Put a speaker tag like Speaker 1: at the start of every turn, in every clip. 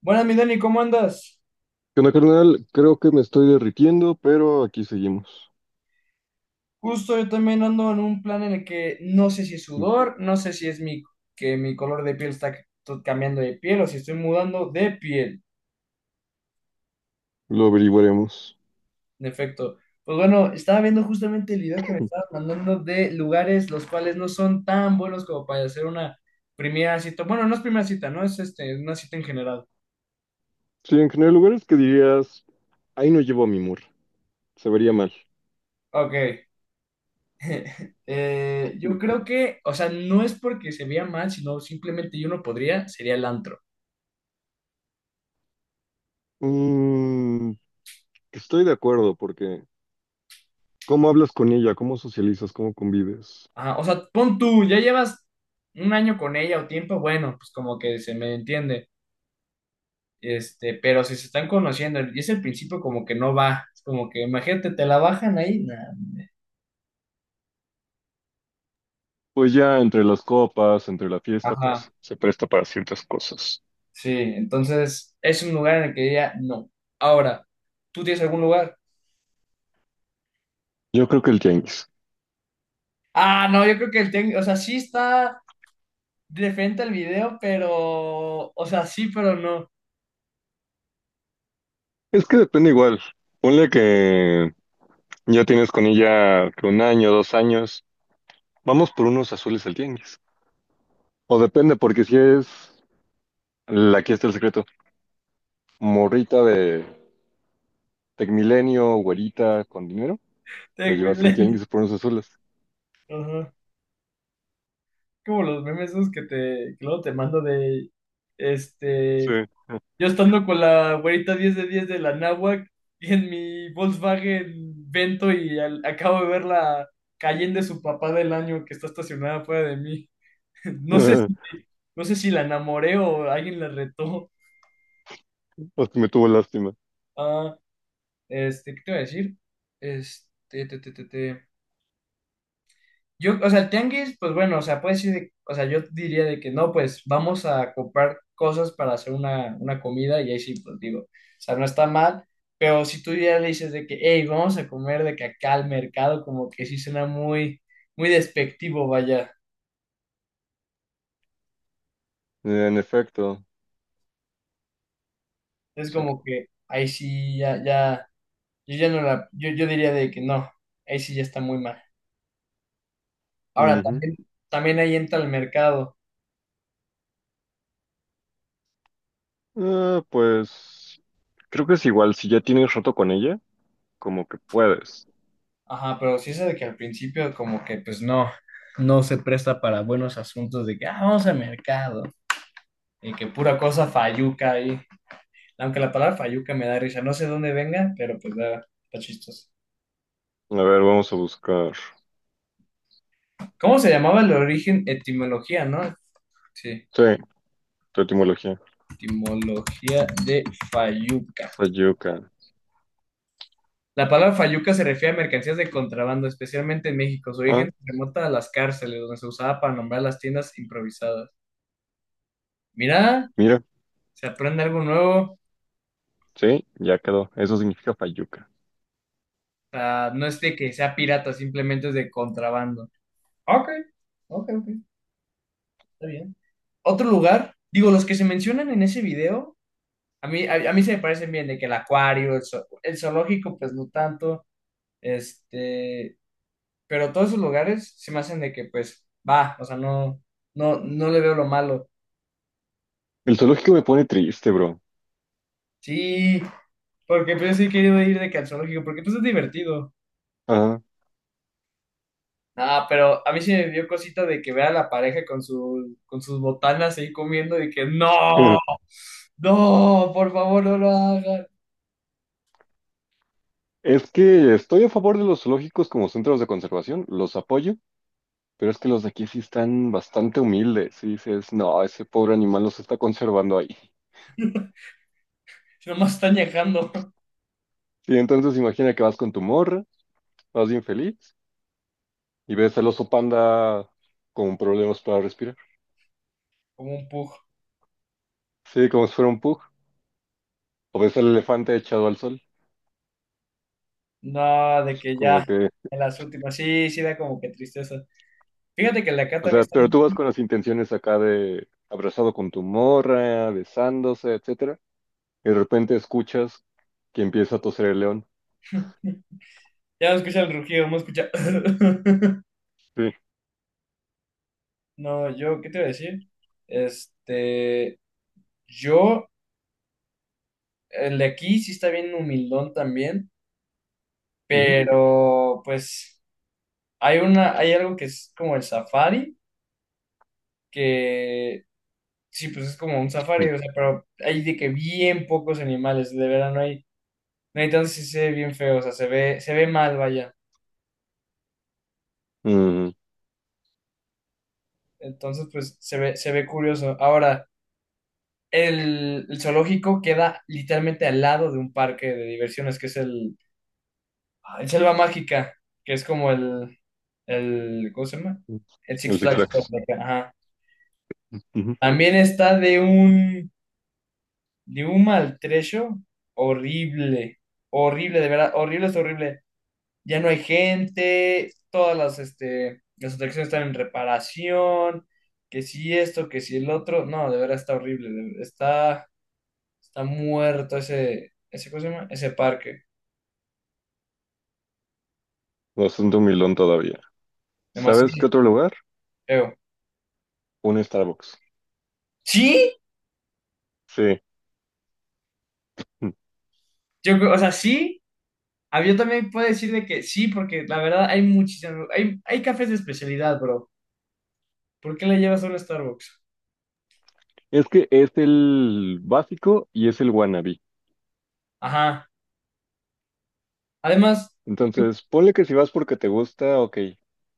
Speaker 1: Buenas, mi Dani, ¿cómo andas?
Speaker 2: ¿Qué onda, carnal? Creo que me estoy derritiendo, pero aquí seguimos.
Speaker 1: Justo yo también ando en un plan en el que no sé si es sudor, no sé si es que mi color de piel está cambiando de piel o si estoy mudando de piel,
Speaker 2: Lo averiguaremos.
Speaker 1: en efecto. Pues bueno, estaba viendo justamente el video que me estabas mandando de lugares los cuales no son tan buenos como para hacer una primera cita. Bueno, no es primera cita, no es es una cita en general.
Speaker 2: Sí, en general, lugares que dirías, ahí no llevo a mi mur, se vería mal.
Speaker 1: Ok. Yo creo que, o sea, no es porque se vea mal, sino simplemente yo no podría, sería el antro.
Speaker 2: Mm, estoy de acuerdo, porque ¿cómo hablas con ella? ¿Cómo socializas? ¿Cómo convives?
Speaker 1: Ajá, o sea, pon tú, ya llevas un año con ella o tiempo, bueno, pues como que se me entiende, pero si se están conociendo y es el principio como que no va, es como que imagínate, te la bajan ahí, nah, hombre.
Speaker 2: Pues ya entre las copas, entre la fiesta,
Speaker 1: Ajá,
Speaker 2: pues se presta para ciertas cosas.
Speaker 1: sí, entonces es un lugar en el que diría no. Ahora, ¿tú tienes algún lugar?
Speaker 2: Yo creo que el tianguis.
Speaker 1: Ah, no, yo creo que el técnico, o sea, sí está de frente al video, pero, o sea, sí, pero no.
Speaker 2: Es que depende igual. Ponle que ya tienes con ella que un año, dos años. Vamos por unos azules al tianguis. O depende, porque si es, la- que está el secreto, morrita de Tecmilenio, güerita, con dinero, la
Speaker 1: Tech
Speaker 2: llevas al
Speaker 1: Millennium.
Speaker 2: tianguis por unos azules.
Speaker 1: Ajá. Como los memes esos que luego te mando de,
Speaker 2: Sí.
Speaker 1: este, yo estando con la güerita 10 de 10 de la náhuac y en mi Volkswagen Vento y acabo de ver la Cayenne de su papá del año que está estacionada fuera de mí. No sé si, no sé si la enamoré o alguien la retó.
Speaker 2: Hasta me tuvo lástima.
Speaker 1: Ah, este, ¿qué te iba a decir? Este, te, te, te, te. Yo, o sea, el tianguis, pues bueno, o sea, puede ser, o sea, yo diría de que no, pues vamos a comprar cosas para hacer una comida y ahí sí, pues digo, o sea, no está mal, pero si tú ya le dices de que, hey, vamos a comer de que acá al mercado, como que sí suena muy despectivo, vaya.
Speaker 2: En efecto.
Speaker 1: Es
Speaker 2: Sí.
Speaker 1: como que ahí sí, ya, yo, yo diría de que no, ahí sí ya está muy mal. Ahora,
Speaker 2: Ujú.
Speaker 1: también, también ahí entra el mercado.
Speaker 2: Ah, pues creo que es igual, si ya tienes roto con ella, como que puedes.
Speaker 1: Ajá, pero sí es de que al principio como que pues no, no se presta para buenos asuntos de que ah, vamos al mercado y que pura cosa fayuca ahí. Aunque la palabra fayuca me da risa, no sé dónde venga, pero pues da, está chistoso.
Speaker 2: A ver, vamos a buscar.
Speaker 1: ¿Cómo se llamaba el origen? Etimología, ¿no? Sí,
Speaker 2: Sí, tu etimología.
Speaker 1: etimología de fayuca.
Speaker 2: Fayuca.
Speaker 1: La palabra fayuca se refiere a mercancías de contrabando, especialmente en México. Su
Speaker 2: Ah,
Speaker 1: origen se remonta a las cárceles, donde se usaba para nombrar las tiendas improvisadas. Mira,
Speaker 2: mira,
Speaker 1: se aprende algo nuevo.
Speaker 2: sí, ya quedó. Eso significa Fayuca.
Speaker 1: Sea, no es de que sea pirata, simplemente es de contrabando. Ok, ok, ok, está bien. Otro lugar, digo, los que se mencionan en ese video, a mí se me parecen bien, de que el acuario, el zoológico, pues no tanto, este, pero todos esos lugares se me hacen de que, pues, va, o sea, no, no le veo lo malo.
Speaker 2: El zoológico me pone triste, bro.
Speaker 1: Sí, porque pues yo sí he querido ir de que al zoológico, porque pues es divertido.
Speaker 2: Ajá.
Speaker 1: Ah, pero a mí sí me dio cosita de que vea a la pareja con sus botanas ahí comiendo y que no, por favor no lo hagan.
Speaker 2: Es que estoy a favor de los zoológicos como centros de conservación, los apoyo, pero es que los de aquí sí están bastante humildes. Y dices, no, ese pobre animal los está conservando ahí.
Speaker 1: Si nomás están dejando
Speaker 2: Sí, entonces imagina que vas con tu morra, vas bien feliz, y ves al oso panda con problemas para respirar.
Speaker 1: como un pug.
Speaker 2: Sí, como si fuera un pug. O ves al elefante echado al sol.
Speaker 1: No, de que ya,
Speaker 2: Como que,
Speaker 1: en las últimas, sí da como que tristeza. Fíjate que la acá
Speaker 2: o sea,
Speaker 1: también está,
Speaker 2: pero tú vas con las intenciones acá de abrazado con tu morra, besándose, etcétera, y de repente escuchas que empieza a toser el león.
Speaker 1: ya no escucha el rugido, no escucha.
Speaker 2: Sí.
Speaker 1: No, yo, ¿qué te iba a decir? Este, yo, el de aquí sí está bien humildón también,
Speaker 2: Ujú.
Speaker 1: pero pues. Hay algo que es como el safari, que sí, pues es como un safari, o sea, pero hay de que bien pocos animales, de verdad no hay, no hay tanto, sí se ve bien feo, o sea, se ve mal, vaya.
Speaker 2: Mm,
Speaker 1: Entonces, pues se ve curioso. Ahora, el zoológico queda literalmente al lado de un parque de diversiones, que es el, ah, el Selva Mágica, que es como el, ¿cómo se llama? El Six
Speaker 2: el Six
Speaker 1: Flags.
Speaker 2: Flags.
Speaker 1: Ajá.
Speaker 2: Ujú.
Speaker 1: También está de un maltrecho horrible, horrible, de verdad, horrible es horrible. Ya no hay gente, las atracciones están en reparación, que si esto, que si el otro, no, de verdad está horrible, está, está muerto ese, ¿cómo se llama? Ese parque,
Speaker 2: Bastante humilón todavía. ¿Sabes
Speaker 1: demasiado
Speaker 2: qué otro lugar?
Speaker 1: feo.
Speaker 2: Un Starbucks.
Speaker 1: Sí,
Speaker 2: Sí. Mm.
Speaker 1: yo, o sea, sí. A yo también puedo decir de que sí, porque la verdad hay muchísimos, hay cafés de especialidad, bro. ¿Por qué le llevas solo a Starbucks?
Speaker 2: Es que es el básico y es el wannabe.
Speaker 1: Ajá. Además,
Speaker 2: Entonces, ponle que si vas porque te gusta, ok.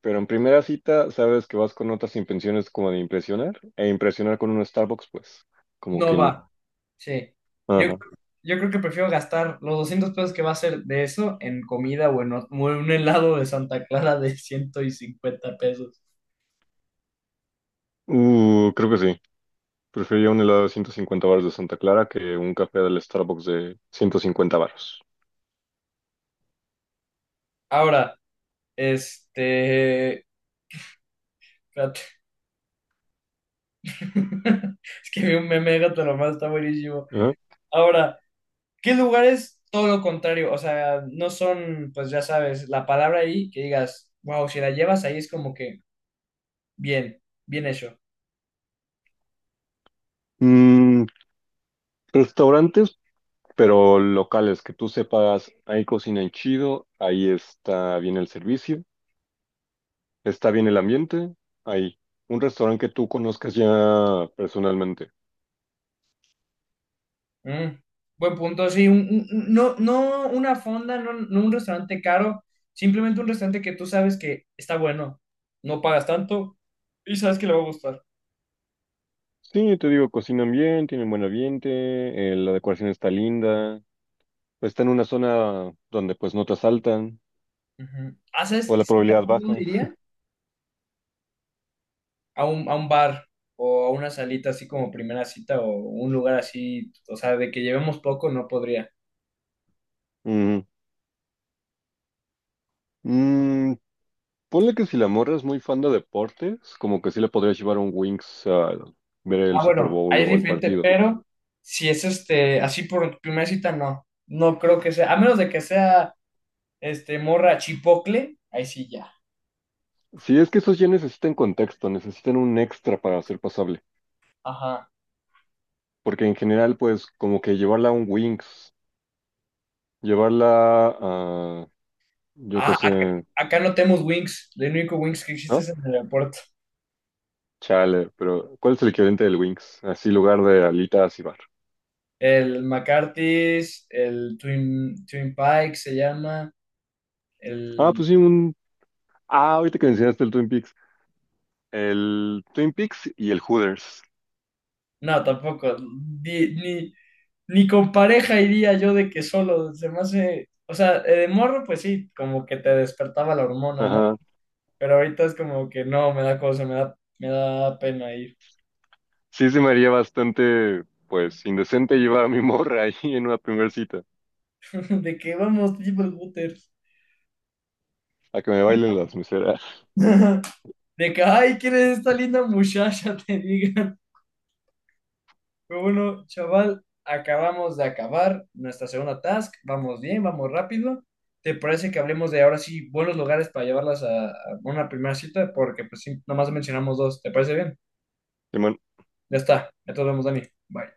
Speaker 2: Pero en primera cita, sabes que vas con otras intenciones como de impresionar. E impresionar con un Starbucks, pues, como
Speaker 1: no
Speaker 2: que no.
Speaker 1: va. Sí. Yo,
Speaker 2: Ajá.
Speaker 1: yo creo que prefiero gastar los 200 pesos que va a ser de eso en comida o en un helado de Santa Clara de 150 pesos.
Speaker 2: Creo que sí. Preferiría un helado de 150 baros de Santa Clara que un café del Starbucks de 150 baros.
Speaker 1: Ahora, este... espérate. Es que vi un meme de Gato Lombardo, está buenísimo.
Speaker 2: Ajá.
Speaker 1: Ahora, ¿qué lugares? Todo lo contrario, o sea, no son, pues ya sabes, la palabra ahí que digas, wow, si la llevas ahí es como que bien hecho.
Speaker 2: Mm, restaurantes, pero locales que tú sepas, ahí cocinan chido, ahí está bien el servicio, está bien el ambiente, ahí. Un restaurante que tú conozcas ya personalmente.
Speaker 1: Mm, buen punto, sí, no, no una fonda, no un restaurante caro, simplemente un restaurante que tú sabes que está bueno, no pagas tanto y sabes que le va a gustar.
Speaker 2: Sí, te digo, cocinan bien, tienen buen ambiente, la decoración está linda, está en una zona donde pues no te asaltan
Speaker 1: Ujú. Ah, ¿sabes
Speaker 2: o la
Speaker 1: qué sí
Speaker 2: probabilidad
Speaker 1: tampoco
Speaker 2: baja.
Speaker 1: diría? A un bar o a una salita así como primera cita o un lugar así, o sea, de que llevemos poco no podría.
Speaker 2: Ujú. Mm, ponle que si la morra es muy fan de deportes, como que sí le podrías llevar un Wings a ver el
Speaker 1: Ah,
Speaker 2: Super
Speaker 1: bueno,
Speaker 2: Bowl
Speaker 1: ahí es
Speaker 2: o el
Speaker 1: diferente,
Speaker 2: partido.
Speaker 1: pero si es así por primera cita no, no creo que sea, a menos de que sea este morra chipocle, ahí sí ya.
Speaker 2: Sí, es que esos ya necesitan contexto, necesitan un extra para ser pasable.
Speaker 1: Ajá.
Speaker 2: Porque en general, pues, como que llevarla a un Wings, llevarla a, yo qué
Speaker 1: Ah,
Speaker 2: sé,
Speaker 1: acá no tenemos Wings. El único Wings que existe
Speaker 2: ¿no?
Speaker 1: es en el aeropuerto.
Speaker 2: Chale, pero ¿cuál es el equivalente del Wings? Así, lugar de alitas y bar.
Speaker 1: El McCarthy's, Twin Pike se llama.
Speaker 2: Ah,
Speaker 1: El...
Speaker 2: pues sí, un... Ah, ahorita que mencionaste el Twin Peaks. El Twin Peaks y el Hooters.
Speaker 1: No, tampoco. Ni, ni, ni con pareja iría yo de que solo. Se me hace. O sea, de morro, pues sí, como que te despertaba la hormona, ¿no?
Speaker 2: Ajá.
Speaker 1: Pero ahorita es como que no, me da cosa, me da pena ir.
Speaker 2: Sí, se me haría bastante, pues, indecente llevar a mi morra ahí en una primera cita,
Speaker 1: De que vamos, tipo el waters.
Speaker 2: a que me bailen las meseras.
Speaker 1: De que, ay, ¿quién es esta linda muchacha? Te diga. Bueno, chaval, acabamos de acabar nuestra segunda task. Vamos bien, vamos rápido. ¿Te parece que hablemos de ahora sí buenos lugares para llevarlas a una primera cita? Porque pues sí, nomás mencionamos dos. ¿Te parece bien?
Speaker 2: Simón.
Speaker 1: Ya está. Ya nos vemos, Dani. Bye.